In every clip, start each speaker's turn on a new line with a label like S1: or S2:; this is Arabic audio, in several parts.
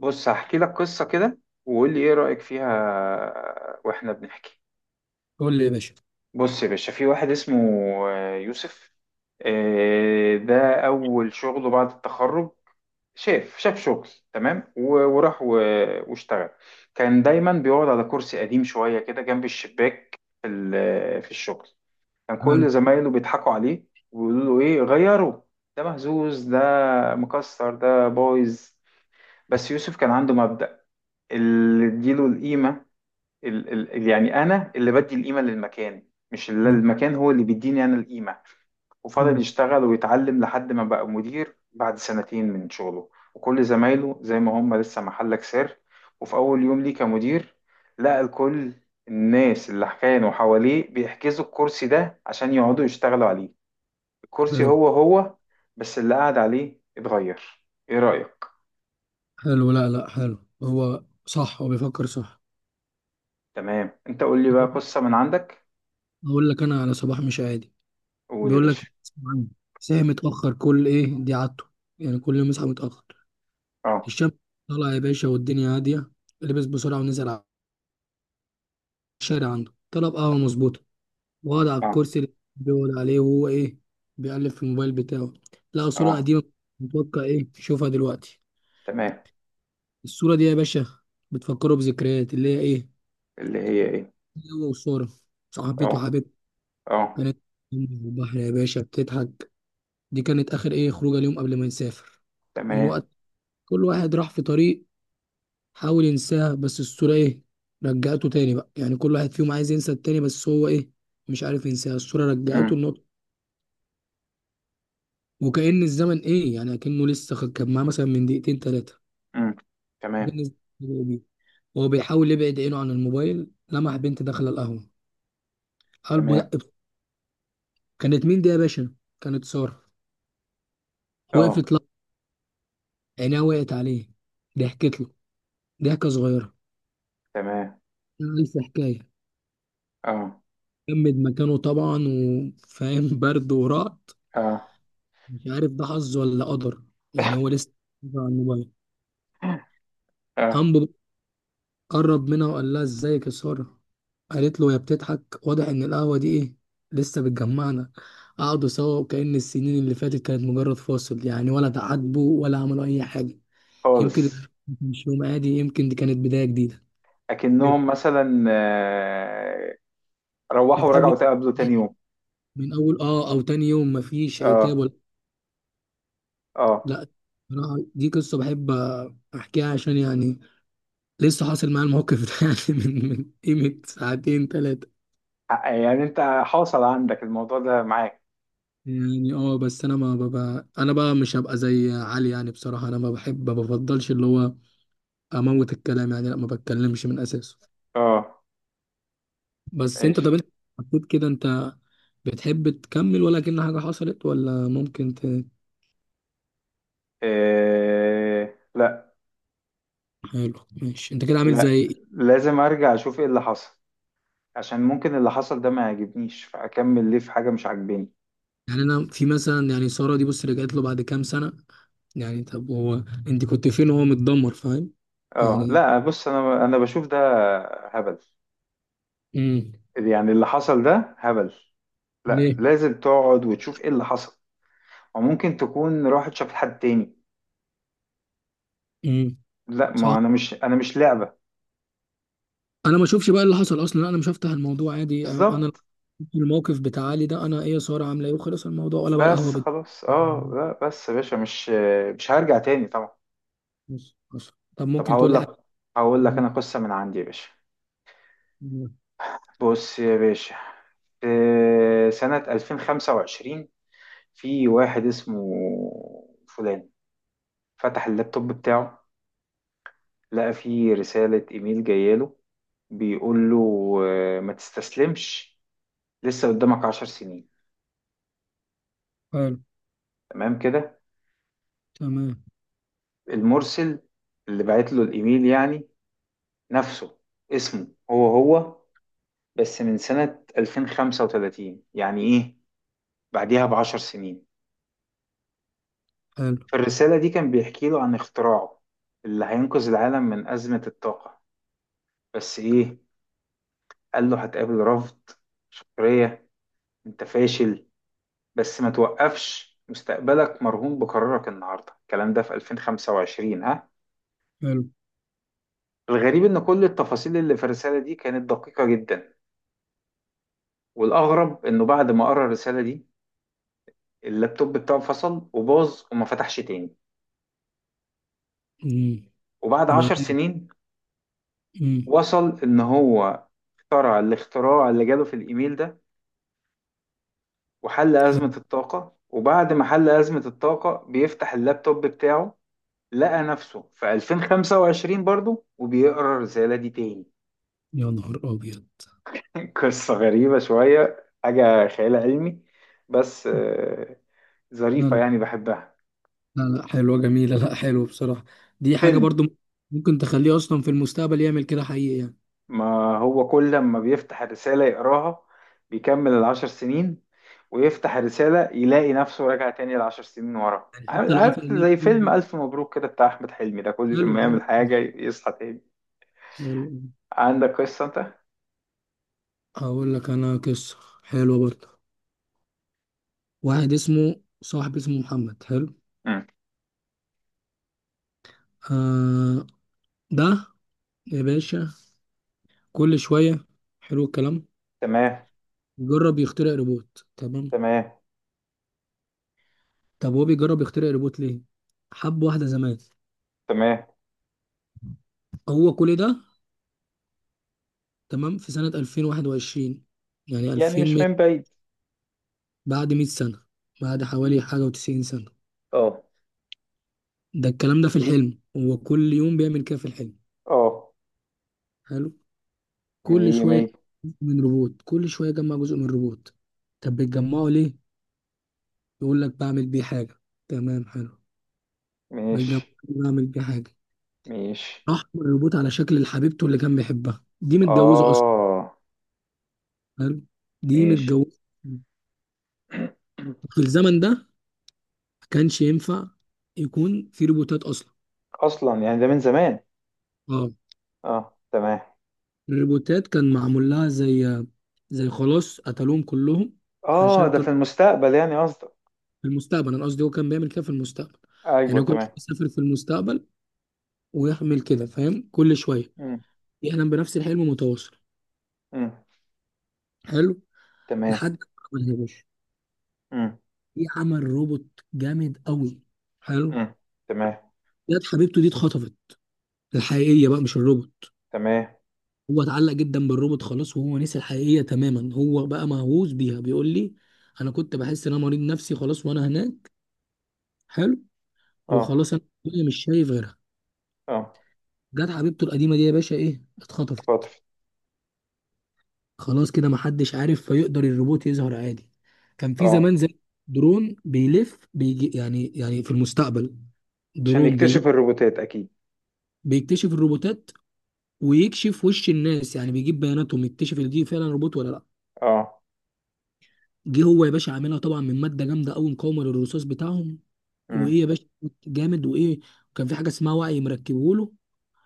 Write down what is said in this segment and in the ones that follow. S1: بص، هحكي لك قصة كده، وقول لي ايه رأيك فيها واحنا بنحكي.
S2: قول لي يا باشا.
S1: بص يا باشا، في واحد اسمه يوسف. ده اول شغله بعد التخرج. شاف شغل، تمام، وراح واشتغل. كان دايما بيقعد على كرسي قديم شوية كده جنب الشباك في في الشغل. كان
S2: حلو.
S1: كل زمايله بيضحكوا عليه ويقولوا له: ايه غيره؟ ده مهزوز، ده مكسر، ده بايظ. بس يوسف كان عنده مبدأ: اللي اديله القيمه. ال ال يعني انا اللي بدي القيمه للمكان، مش اللي
S2: مم.
S1: المكان هو اللي بيديني انا القيمه. وفضل
S2: مم.
S1: يشتغل ويتعلم لحد ما بقى مدير بعد سنتين من شغله، وكل زمايله زي ما هم لسه محلك سر. وفي اول يوم ليه كمدير لقى الكل، الناس اللي كانوا حواليه بيحجزوا الكرسي ده عشان يقعدوا يشتغلوا عليه. الكرسي
S2: حلو
S1: هو هو، بس اللي قاعد عليه اتغير. ايه رأيك؟
S2: حلو، لا لا حلو، هو صح، هو بيفكر صح.
S1: تمام، انت قول لي بقى قصة من عندك.
S2: اقول لك انا على صباح مش عادي.
S1: قول يا
S2: بيقول لك
S1: باشا.
S2: اسمع عني. ساعة متأخر كل ايه، دي عادته، يعني كل يوم يصحى متأخر.
S1: اه،
S2: الشمس طالعة يا باشا والدنيا هادية. لبس بسرعة ونزل على الشارع، عنده طلب قهوة مظبوطة، وقعد على
S1: اه،
S2: الكرسي اللي بيقعد عليه وهو ايه، بيقلب في الموبايل بتاعه. لقى صورة
S1: اه.
S2: قديمة متوقع ايه يشوفها دلوقتي.
S1: تمام.
S2: الصورة دي يا باشا بتفكره بذكريات اللي هي ايه،
S1: اللي هي ايه.
S2: هو وسارة صاحبته
S1: اه،
S2: وحبيبته.
S1: اه.
S2: كانت في البحر يا باشا بتضحك، دي كانت آخر إيه خروجة اليوم قبل ما نسافر. من
S1: تمام.
S2: وقت كل واحد راح في طريق، حاول ينساها بس الصورة إيه، رجعته تاني. بقى يعني كل واحد فيهم عايز ينسى التاني بس هو إيه، مش عارف ينساها. الصورة رجعته
S1: امم،
S2: النقطة، وكأن الزمن إيه، يعني أكنه لسه كان معاه مثلا من دقيقتين تلاتة.
S1: امم. تمام،
S2: كأن الزمن بدأ بيه. وهو بيحاول يبعد عينه عن الموبايل لمح بنت داخلة القهوة، قلبه
S1: تمام.
S2: دق. كانت مين دي يا باشا؟ كانت سارة.
S1: اه.
S2: وقفت، عينيها وقعت عليه، ضحكت له ضحكة صغيرة،
S1: تمام.
S2: ألف حكاية.
S1: اه،
S2: جمد مكانه طبعا، وفاهم برد ورعد،
S1: اه،
S2: مش عارف ده حظ ولا قدر. يعني هو لسه على الموبايل،
S1: اه.
S2: قام قرب منها وقال لها ازيك يا سارة. قالت له، يا بتضحك واضح ان القهوة دي ايه، لسه بتجمعنا. قعدوا سوا وكأن السنين اللي فاتت كانت مجرد فاصل، يعني ولا تعاتبوا ولا عملوا أي حاجة. يمكن
S1: خالص.
S2: مش يوم عادي، يمكن دي كانت بداية جديدة.
S1: اكنهم مثلا روحوا
S2: يتقابلوا
S1: ورجعوا تقابلوا تاني يوم.
S2: من اول اه او تاني يوم مفيش عتاب
S1: اه،
S2: ولا
S1: اه.
S2: لا. بصراحة دي قصه بحب احكيها عشان يعني لسه حاصل معايا الموقف ده يعني من قيمه ساعتين ثلاثه.
S1: يعني انت حاصل عندك الموضوع ده معاك.
S2: يعني اه، بس انا ما ببقى انا بقى، مش هبقى زي علي. يعني بصراحه انا ما بحب، ما بفضلش اللي هو اموت الكلام، يعني لا ما بتكلمش من اساسه.
S1: اه.
S2: بس انت،
S1: ماشي.
S2: طب انت حطيت كده، انت بتحب تكمل ولا كأن حاجه حصلت، ولا ممكن ت...
S1: لا.
S2: حلو ماشي، انت كده عامل
S1: لا،
S2: زي
S1: لازم ارجع اشوف ايه اللي حصل، عشان ممكن اللي حصل ده ما يعجبنيش، فاكمل ليه في حاجة مش عاجباني.
S2: يعني، انا في مثلا يعني ساره دي بص رجعت له بعد كام سنه. يعني طب هو، انت كنت فين وهو متدمر فاهم
S1: اه،
S2: يعني.
S1: لا، بص، انا بشوف ده هبل.
S2: امم.
S1: يعني اللي حصل ده هبل، لا،
S2: ليه؟
S1: لازم تقعد وتشوف ايه اللي حصل، وممكن تكون راحت شافت حد تاني.
S2: امم.
S1: لا، ما
S2: صح.
S1: انا مش لعبة.
S2: انا ما اشوفش بقى اللي حصل اصلا، انا مش هفتح الموضوع عادي انا
S1: بالظبط.
S2: الموقف بتاع علي ده، انا ايه يا ساره، عامله ايه، وخلص الموضوع ولا بقى القهوه
S1: بس
S2: بت...
S1: خلاص، اه،
S2: مم.
S1: لا، بس يا باشا، مش هرجع تاني طبعا.
S2: بص بص، طب
S1: طب
S2: ممكن تقول
S1: هقول
S2: لي حاجه.
S1: لك. هقول لك
S2: مم.
S1: انا قصة من عندي يا باشا.
S2: مم.
S1: بص يا باشا، في سنة 2025، في واحد اسمه فلان، فتح اللابتوب بتاعه، لقى في رسالة إيميل جاية له بيقول له: ما تستسلمش، لسه قدامك 10 سنين.
S2: حلو.
S1: تمام كده.
S2: تمام.
S1: المرسل اللي بعت له الإيميل يعني نفسه، اسمه هو هو، بس من سنة 2035، يعني إيه، بعديها ب10 سنين.
S2: حلو
S1: في الرسالة دي كان بيحكي له عن اختراعه اللي هينقذ العالم من أزمة الطاقة، بس إيه، قال له: هتقابل رفض، سخرية، أنت فاشل، بس ما توقفش، مستقبلك مرهون بقرارك النهارده. الكلام ده في 2025 ها.
S2: حلو.
S1: الغريب ان كل التفاصيل اللي في الرساله دي كانت دقيقه جدا، والاغرب انه بعد ما قرا الرساله دي اللابتوب بتاعه فصل وباظ وما فتحش تاني.
S2: امم.
S1: وبعد عشر
S2: وبعدين؟
S1: سنين
S2: امم.
S1: وصل ان هو اخترع الاختراع اللي جاله في الايميل ده، وحل
S2: حلو.
S1: ازمه الطاقه، وبعد ما حل ازمه الطاقه بيفتح اللابتوب بتاعه، لقى نفسه في 2025 برضه وبيقرا الرساله دي تاني.
S2: يا نهار ابيض.
S1: قصة غريبة شوية، حاجة خيال علمي، بس ظريفة
S2: حلو
S1: يعني بحبها،
S2: لا لا حلوة جميلة، لا حلو بصراحة. دي حاجة
S1: فيلم.
S2: برضو ممكن تخليه أصلا في المستقبل يعمل كده حقيقي يعني.
S1: ما هو كل لما بيفتح الرسالة يقراها بيكمل ال10 سنين، ويفتح الرسالة يلاقي نفسه راجع تاني ال10 سنين ورا،
S2: يعني
S1: عارف
S2: حتى لو قفل
S1: عارف زي فيلم
S2: اللابتوب.
S1: ألف مبروك كده بتاع أحمد حلمي ده، كل
S2: حلو
S1: ما
S2: حلو
S1: يعمل حاجة يصحى تاني.
S2: حلو.
S1: عندك قصة أنت؟
S2: هقول لك أنا قصة حلوة برضو. واحد اسمه، صاحب اسمه محمد، حلو،
S1: مم.
S2: آه، ده يا باشا كل شوية حلو الكلام،
S1: تمام،
S2: جرب يخترع روبوت. تمام،
S1: تمام،
S2: طب هو بيجرب يخترع روبوت ليه؟ حب واحدة زمان.
S1: تمام.
S2: هو كل ده تمام في سنة 2021، يعني
S1: يعني
S2: 2000،
S1: مش من بعيد.
S2: بعد 100 سنة، بعد حوالي حاجة وتسعين سنة،
S1: اه،
S2: ده الكلام ده في الحلم. هو كل يوم بيعمل كده في الحلم.
S1: اه.
S2: حلو، كل
S1: مية مية.
S2: شوية من روبوت، كل شوية يجمع جزء من روبوت. طب بتجمعه ليه؟ يقول لك بعمل بيه حاجة. تمام حلو، بيجمع
S1: ماشي،
S2: بعمل بيه حاجة.
S1: ماشي.
S2: راح الروبوت على شكل حبيبته اللي كان بيحبها، دي متجوزة أصلا.
S1: اه.
S2: حلو، دي
S1: ماشي.
S2: متجوزة. في الزمن ده ما كانش ينفع يكون في روبوتات أصلا.
S1: اصلا يعني ده من زمان.
S2: اه،
S1: اه، تمام.
S2: الريبوتات كان معمول لها زي زي، خلاص قتلوهم كلهم،
S1: اه،
S2: عشان
S1: ده في
S2: كان
S1: المستقبل يعني قصدك.
S2: في المستقبل. انا قصدي هو كان بيعمل كده في المستقبل، يعني
S1: ايوه،
S2: هو كان
S1: تمام.
S2: بيسافر في المستقبل ويعمل كده فاهم، كل شويه
S1: امم،
S2: يحلم بنفس الحلم متواصل.
S1: امم.
S2: حلو،
S1: تمام.
S2: لحد ما عملها يا باشا.
S1: امم،
S2: في عمل روبوت جامد قوي. حلو.
S1: امم. تمام،
S2: جت حبيبته دي اتخطفت، الحقيقيه بقى مش الروبوت.
S1: تمام.
S2: هو اتعلق جدا بالروبوت خلاص، وهو نسي الحقيقيه تماما، هو بقى مهووس بيها. بيقول لي انا كنت بحس ان انا مريض نفسي خلاص وانا هناك. حلو.
S1: اه،
S2: وخلاص انا مش شايف غيرها.
S1: اه.
S2: جت حبيبته القديمه دي يا باشا ايه، اتخطفت.
S1: خاطر.
S2: خلاص كده محدش عارف، فيقدر الروبوت يظهر عادي. كان في
S1: اه.
S2: زمان زي درون بيلف بيجي، يعني يعني في المستقبل،
S1: عشان
S2: درون
S1: يكتشف
S2: بي
S1: الروبوتات اكيد.
S2: بيكتشف الروبوتات ويكشف وش الناس، يعني بيجيب بياناتهم يكتشف ان دي فعلا روبوت ولا لا.
S1: اه.
S2: جه هو يا باشا عاملها طبعا من ماده جامده قوي مقاومه للرصاص بتاعهم،
S1: امم،
S2: وايه يا باشا جامد، وايه وكان في حاجه اسمها وعي مركبه له،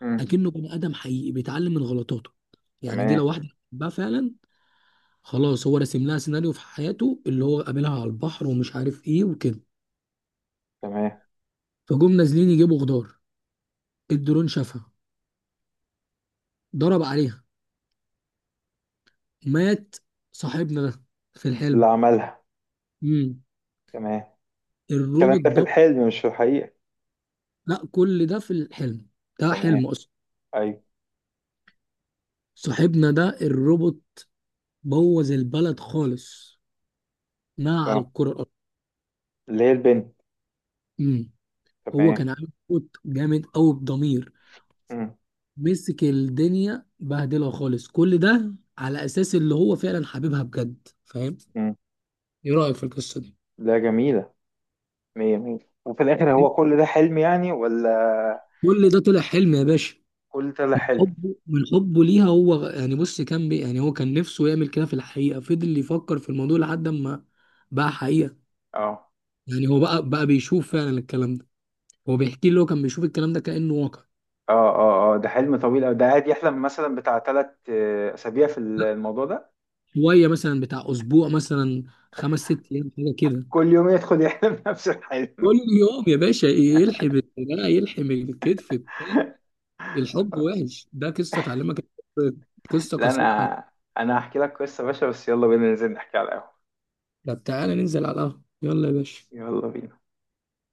S1: امم.
S2: اكنه بني ادم حقيقي بيتعلم من غلطاته، يعني دي
S1: تمام،
S2: لو واحده بقى فعلا. خلاص هو راسم لها سيناريو في حياته، اللي هو قابلها على البحر ومش عارف ايه وكده.
S1: تمام.
S2: فجم نازلين يجيبوا خضار، الدرون شافها، ضرب عليها، مات صاحبنا ده في
S1: اللي
S2: الحلم.
S1: عملها.
S2: امم.
S1: تمام. الكلام
S2: الروبوت
S1: ده في
S2: ده؟
S1: الحلم مش في الحقيقة.
S2: لا كل ده في الحلم، ده
S1: تمام.
S2: حلم اصلا.
S1: ايوه.
S2: صاحبنا ده الروبوت بوظ البلد خالص، نهى على
S1: اه.
S2: الكره الارضيه.
S1: اللي هي البنت.
S2: امم. هو
S1: تمام.
S2: كان عامل روبوت جامد قوي بضمير،
S1: امم،
S2: مسك الدنيا بهدلها خالص، كل ده على اساس اللي هو فعلا حبيبها بجد فاهم.
S1: امم.
S2: ايه رايك في القصه دي؟
S1: لا، جميلة، مية مية. وفي الآخر هو كل ده حلم يعني، ولا
S2: كل ده طلع حلم يا باشا،
S1: كل ده لا
S2: من
S1: حلم؟
S2: حبه، من حبه ليها. هو يعني بص كان بي، يعني هو كان نفسه يعمل كده في الحقيقه، فضل يفكر في الموضوع لحد ما بقى حقيقه،
S1: اه،
S2: يعني هو بقى بيشوف فعلا الكلام ده. هو بيحكي لي هو كان بيشوف الكلام ده كانه واقع.
S1: اه، اه، اه، ده حلم طويل أوي، ده قاعد يحلم مثلا بتاع 3 أسابيع في
S2: لا،
S1: الموضوع ده.
S2: شويه مثلا بتاع اسبوع مثلا، خمس ست ايام حاجه كده.
S1: كل يوم يدخل يحلم نفس الحلم.
S2: كل يوم يا باشا يلحم الدراع، يلحم الكتف بتاع. الحب وحش، ده قصة تعلمك الحب، قصة
S1: لا،
S2: قصيرة على.
S1: أنا هحكي لك قصة يا باشا، بس يلا بينا ننزل نحكي على القهوة.
S2: طب تعالى ننزل على القهوة يلا يا باشا.
S1: يلا بينا.